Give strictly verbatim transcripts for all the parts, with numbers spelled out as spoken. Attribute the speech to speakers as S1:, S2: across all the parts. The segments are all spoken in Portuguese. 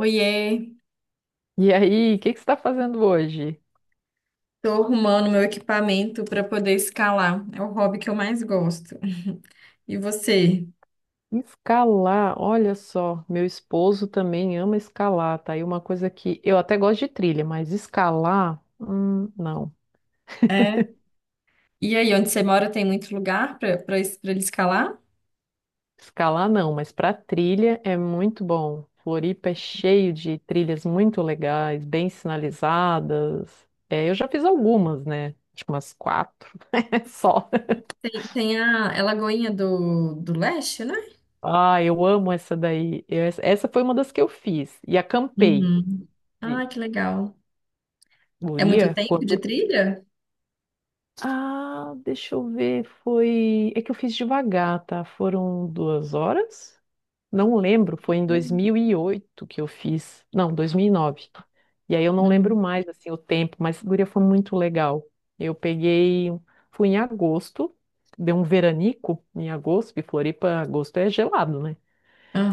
S1: Oiê,
S2: E aí, o que que você está fazendo hoje?
S1: tô arrumando meu equipamento para poder escalar. É o hobby que eu mais gosto. E você?
S2: Escalar, olha só, meu esposo também ama escalar, tá? E uma coisa que eu até gosto de trilha, mas escalar, hum, não.
S1: É? E aí, onde você mora tem muito lugar para para ele escalar?
S2: Escalar não, mas para trilha é muito bom. Floripa é cheio de trilhas muito legais, bem sinalizadas. É, eu já fiz algumas, né? Acho que umas quatro, só.
S1: Tem, tem a, é Lagoinha do, do Leste, né?
S2: Ah, eu amo essa daí. Eu- essa essa foi uma das que eu fiz. E acampei.
S1: Uhum.
S2: Sim.
S1: Ah, que legal. É muito
S2: Guria,
S1: tempo de
S2: quando,
S1: trilha?
S2: ah, deixa eu ver, foi. É que eu fiz devagar, tá? Foram duas horas? Não lembro, foi em
S1: Uhum.
S2: dois mil e oito que eu fiz. Não, dois mil e nove. E nove. E aí eu não lembro
S1: Uhum.
S2: mais, assim, o tempo, mas, guria, foi muito legal. Eu peguei. Fui em agosto, deu um veranico em agosto, porque Floripa, agosto é gelado, né?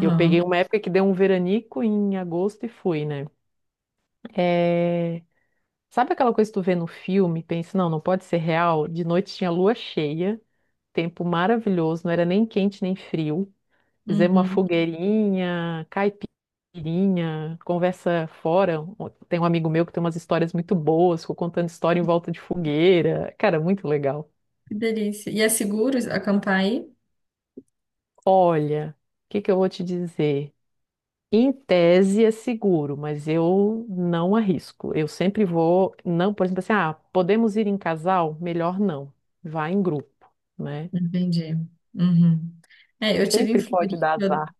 S2: E eu peguei uma época que deu um veranico em agosto e fui, né? É, sabe aquela coisa que tu vê no filme, e pensa, não, não pode ser real? De noite tinha lua cheia, tempo maravilhoso, não era nem quente nem frio. Fizemos uma
S1: Uhum.
S2: fogueirinha, caipirinha, conversa fora. Tem um amigo meu que tem umas histórias muito boas, ficou contando história em volta de fogueira. Cara, muito legal.
S1: Que delícia. E é seguro acampar aí?
S2: Olha, o que que eu vou te dizer? Em tese é seguro, mas eu não arrisco. Eu sempre vou, não, por exemplo, assim, ah, podemos ir em casal? Melhor não. Vá em grupo, né?
S1: Entendi. Uhum. É, eu tive em
S2: Sempre pode dar
S1: Floripa.
S2: azar.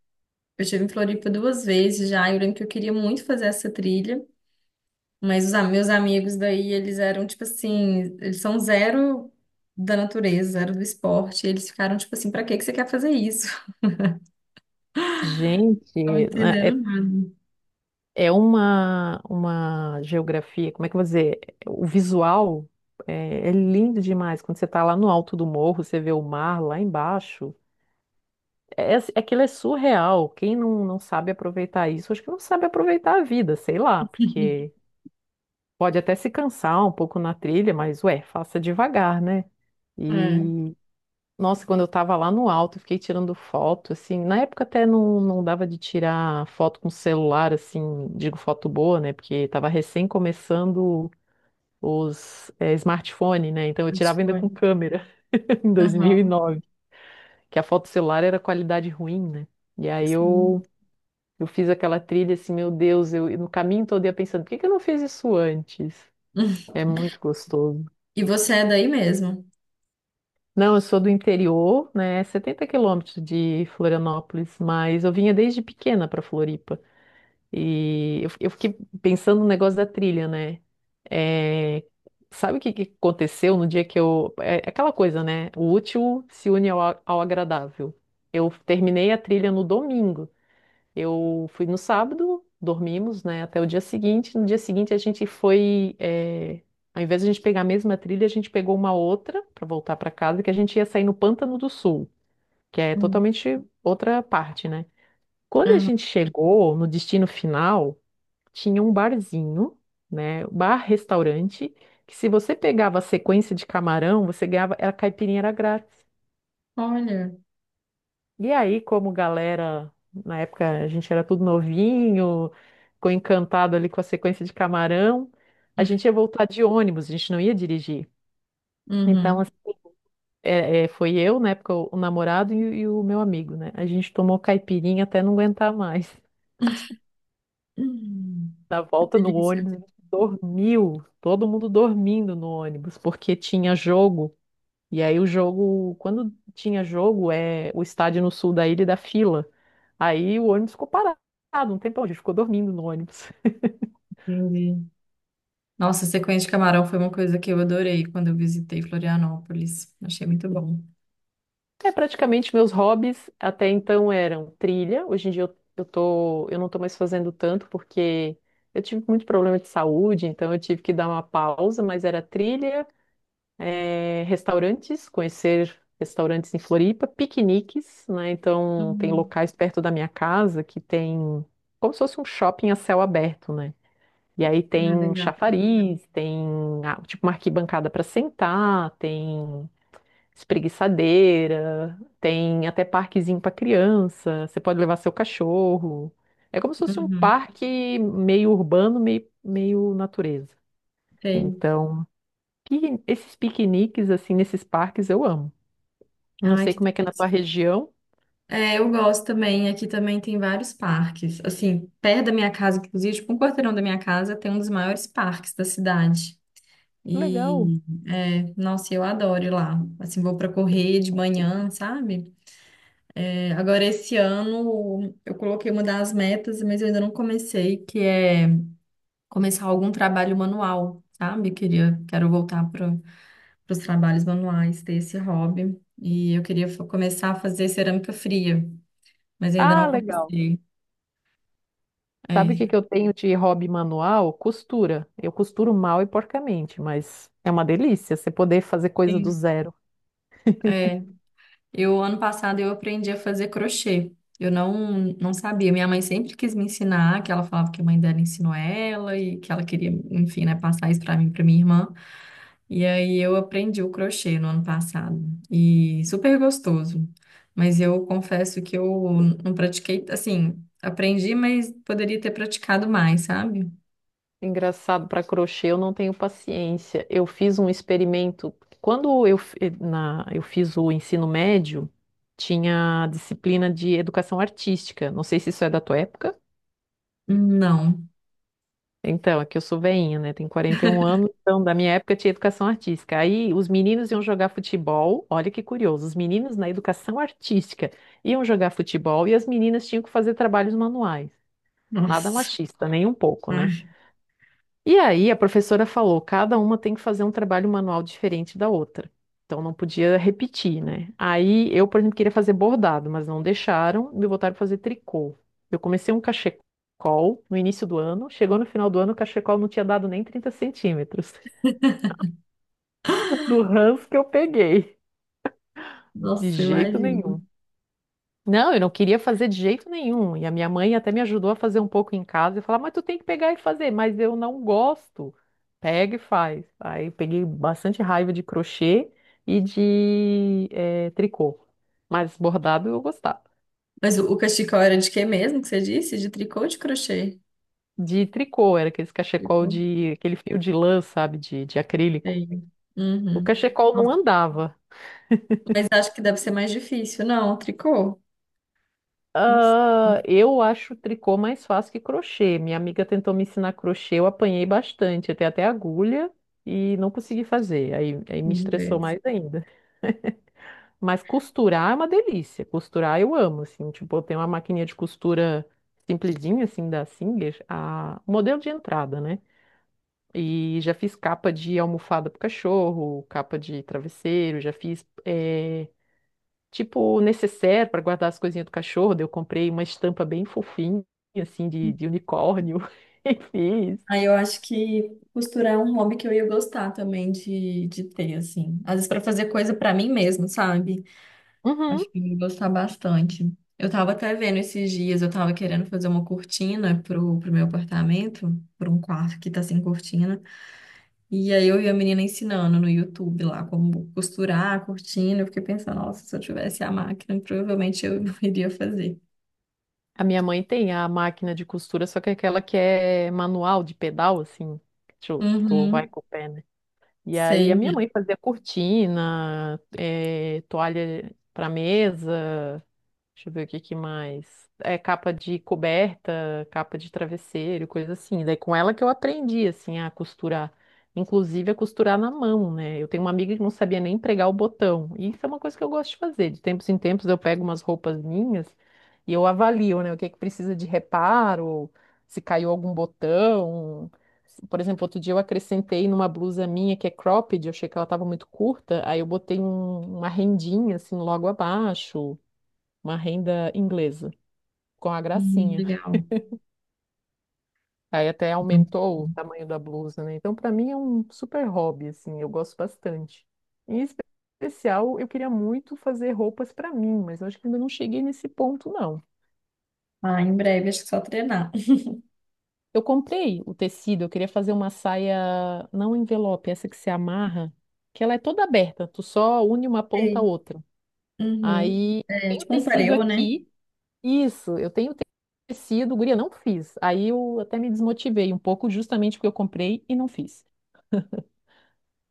S1: Eu estive em Floripa duas vezes já. E eu lembro que eu queria muito fazer essa trilha, mas os am- meus amigos daí, eles eram tipo assim, eles são zero da natureza, zero do esporte. E eles ficaram tipo assim, pra que que você quer fazer isso? Não
S2: Gente, né,
S1: entenderam
S2: é
S1: nada.
S2: é uma, uma geografia, como é que eu vou dizer? O visual é, é lindo demais. Quando você está lá no alto do morro, você vê o mar lá embaixo. É, é- é aquilo, é surreal. Quem não, não sabe aproveitar isso, acho que não sabe aproveitar a vida, sei lá, porque pode até se cansar um pouco na trilha, mas ué, faça devagar, né?
S1: É,
S2: E nossa, quando eu tava lá no alto, eu fiquei tirando foto, assim, na época até não, não dava de tirar foto com celular, assim, digo foto boa, né, porque tava recém começando os eh, smartphone, né, então eu
S1: acho que
S2: tirava ainda
S1: foi.
S2: com câmera, em
S1: Aham,
S2: dois mil e nove, que a foto celular era qualidade ruim, né, e aí
S1: sim.
S2: eu, eu fiz aquela trilha, assim, meu Deus, eu no caminho todo eu ia pensando, por que que eu não fiz isso antes? É muito gostoso.
S1: E você é daí mesmo?
S2: Não, eu sou do interior, né? Setenta quilômetros de Florianópolis, mas eu vinha desde pequena para Floripa. E eu, eu fiquei pensando no negócio da trilha, né? É, sabe o que, que aconteceu no dia que eu. É é aquela coisa, né? O útil se une ao, ao agradável. Eu terminei a trilha no domingo. Eu fui no sábado, dormimos, né, até o dia seguinte. No dia seguinte a gente foi, eh, ao invés de a gente pegar a mesma trilha, a gente pegou uma outra para voltar para casa, que a gente ia sair no Pântano do Sul, que é
S1: Hum,
S2: totalmente outra parte, né? Quando a
S1: aham.
S2: gente chegou no destino final, tinha um barzinho, né, bar-restaurante, que se você pegava a sequência de camarão, você ganhava, a caipirinha era grátis.
S1: Olha.
S2: E aí, como galera, na época a gente era tudo novinho, ficou encantado ali com a sequência de camarão, a gente ia voltar de ônibus, a gente não ia dirigir. Então,
S1: Uhum.
S2: assim, é, é, foi eu, na época, o, o namorado e, e o meu amigo, né? A gente tomou caipirinha até não aguentar mais.
S1: Hum.
S2: Na
S1: Que
S2: volta no
S1: delícia.
S2: ônibus, a gente dormiu, todo mundo dormindo no ônibus, porque tinha jogo. E aí o jogo, quando tinha jogo, é o estádio no sul da ilha e da fila. Aí o ônibus ficou parado um tempão, a gente ficou dormindo no ônibus.
S1: Entendi. Nossa, sequência de camarão foi uma coisa que eu adorei quando eu visitei Florianópolis. Achei muito bom.
S2: É, praticamente meus hobbies até então eram trilha. Hoje em dia eu, eu tô, eu não tô mais fazendo tanto porque eu tive muito problema de saúde, então eu tive que dar uma pausa, mas era trilha, é, restaurantes, conhecer restaurantes em Floripa, piqueniques, né? Então tem
S1: Uhum.
S2: locais perto da minha casa que tem como se fosse um shopping a céu aberto, né? E aí
S1: Ah,
S2: tem
S1: legal.
S2: chafariz, tem ah, tipo uma arquibancada para sentar, tem espreguiçadeira, tem até parquezinho para criança. Você pode levar seu cachorro. É como se fosse um
S1: Uhum.
S2: parque meio urbano, meio, meio natureza.
S1: Sei.
S2: Então, pi- esses piqueniques assim nesses parques eu amo. Não
S1: Ai,
S2: sei
S1: que
S2: como é que é na tua
S1: delícia.
S2: região.
S1: É, eu gosto também. Aqui também tem vários parques. Assim, perto da minha casa, inclusive, tipo, um quarteirão da minha casa tem um dos maiores parques da cidade.
S2: Que legal.
S1: E, é, nossa, eu adoro ir lá. Assim, vou para correr de manhã, sabe? É, agora, esse ano, eu coloquei uma das metas, mas eu ainda não comecei, que é começar algum trabalho manual, sabe? Queria, quero voltar para os trabalhos manuais, ter esse hobby. E eu queria fa- começar a fazer cerâmica fria, mas ainda
S2: Ah,
S1: não
S2: legal.
S1: comecei.
S2: Sabe o
S1: É.
S2: que que eu tenho de hobby manual? Costura. Eu costuro mal e porcamente, mas é uma delícia você poder fazer coisa do
S1: Sim.
S2: zero.
S1: É. Eu, ano passado, eu aprendi a fazer crochê. Eu não, não sabia. Minha mãe sempre quis me ensinar, que ela falava que a mãe dela ensinou ela e que ela queria, enfim, né, passar isso para mim, para minha irmã. E aí eu aprendi o crochê no ano passado. E super gostoso. Mas eu confesso que eu não pratiquei, assim, aprendi, mas poderia ter praticado mais, sabe?
S2: Engraçado, para crochê eu não tenho paciência. Eu fiz um experimento. Quando eu, f- eh, na, eu fiz o ensino médio, tinha a disciplina de educação artística. Não sei se isso é da tua época.
S1: Não.
S2: Então, aqui eu sou veinha, né? Tenho quarenta e um anos, então da minha época tinha educação artística. Aí os meninos iam jogar futebol, olha que curioso, os meninos na educação artística iam jogar futebol e as meninas tinham que fazer trabalhos manuais. Nada
S1: Nossa.
S2: machista, nem um pouco, né?
S1: Ai.
S2: E aí a professora falou, cada uma tem que fazer um trabalho manual diferente da outra. Então não podia repetir, né? Aí eu, por exemplo, queria fazer bordado, mas não deixaram, me botaram pra fazer tricô. Eu comecei um cachecol no início do ano, chegou no final do ano, o cachecol não tinha dado nem trinta centímetros do ranço que eu peguei, de
S1: Nossa,
S2: jeito
S1: imagina.
S2: nenhum. Não, eu não queria fazer de jeito nenhum. E a minha mãe até me ajudou a fazer um pouco em casa e falar, mas tu tem que pegar e fazer, mas eu não gosto. Pega e faz. Aí eu peguei bastante raiva de crochê e de eh, tricô. Mas bordado eu gostava.
S1: Mas o, o cachecol era de quê mesmo que você disse? De tricô ou de crochê?
S2: De tricô, era aquele
S1: De
S2: cachecol
S1: crochê.
S2: de, aquele fio de lã, sabe, de, de acrílico. O
S1: Uhum.
S2: cachecol não
S1: Nossa.
S2: andava.
S1: Mas acho que deve ser mais difícil. Não, tricô? Não sei.
S2: Ah, eu acho tricô mais fácil que crochê. Minha amiga tentou me ensinar crochê, eu apanhei bastante, até até agulha e não consegui fazer. Aí, aí me
S1: Vamos ver.
S2: estressou mais ainda. Mas costurar é uma delícia. Costurar eu amo, assim, tipo, eu tenho uma maquininha de costura simplesinha, assim, da Singer, a o modelo de entrada, né? E já fiz capa de almofada pro cachorro, capa de travesseiro, já fiz eh, tipo necessaire para guardar as coisinhas do cachorro. Daí eu comprei uma estampa bem fofinha, assim, de, de unicórnio e fiz.
S1: Aí eu acho que costurar é um hobby que eu ia gostar também de, de ter, assim. Às vezes para fazer coisa para mim mesmo, sabe?
S2: Uhum.
S1: Acho que eu ia gostar bastante. Eu tava até vendo esses dias, eu tava querendo fazer uma cortina pro, pro meu apartamento, para um quarto que tá sem cortina. E aí eu vi a menina ensinando no YouTube lá como costurar a cortina. Eu fiquei pensando, nossa, se eu tivesse a máquina, provavelmente eu iria fazer.
S2: A minha mãe tem a máquina de costura, só que é aquela que é manual, de pedal, assim. Tu, tu vai
S1: Uhum,
S2: com o pé, né? E aí a
S1: sei,
S2: minha
S1: né?
S2: mãe fazia cortina, eh, toalha para mesa. Deixa eu ver o que que mais. É capa de coberta, capa de travesseiro, coisa assim. Daí com ela que eu aprendi assim a costurar, inclusive a costurar na mão, né? Eu tenho uma amiga que não sabia nem pregar o botão. E isso é uma coisa que eu gosto de fazer. De tempos em tempos eu pego umas roupas minhas e eu avalio, né, o que é que precisa de reparo, se caiu algum botão. Se- Por exemplo, outro dia eu acrescentei numa blusa minha que é cropped, eu achei que ela estava muito curta, aí eu botei um- uma rendinha assim logo abaixo, uma renda inglesa, com a
S1: Hum,
S2: gracinha.
S1: legal.
S2: Aí até aumentou o tamanho da blusa, né? Então, para mim é um super hobby, assim, eu gosto bastante. Em especial, eu queria muito fazer roupas para mim, mas eu acho que ainda não cheguei nesse ponto, não.
S1: Ah, em breve, acho que só treinar.
S2: Eu comprei o tecido, eu queria fazer uma saia, não envelope, essa que se amarra, que ela é toda aberta, tu só une uma ponta à
S1: Sei.
S2: outra.
S1: Uhum.
S2: Aí, eu
S1: É
S2: tenho o
S1: tipo um
S2: tecido
S1: pareu, né?
S2: aqui. Isso, eu tenho tecido, guria, não fiz. Aí eu até me desmotivei um pouco, justamente porque eu comprei e não fiz.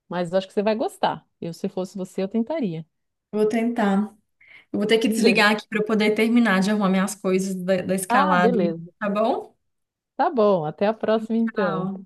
S2: Mas acho que você vai gostar. Eu, se fosse você, eu tentaria.
S1: Vou tentar. Eu vou ter que desligar aqui para eu poder terminar de arrumar minhas coisas da, da
S2: Ah,
S1: escalada,
S2: beleza.
S1: tá bom?
S2: Tá bom, até a próxima então.
S1: Tchau.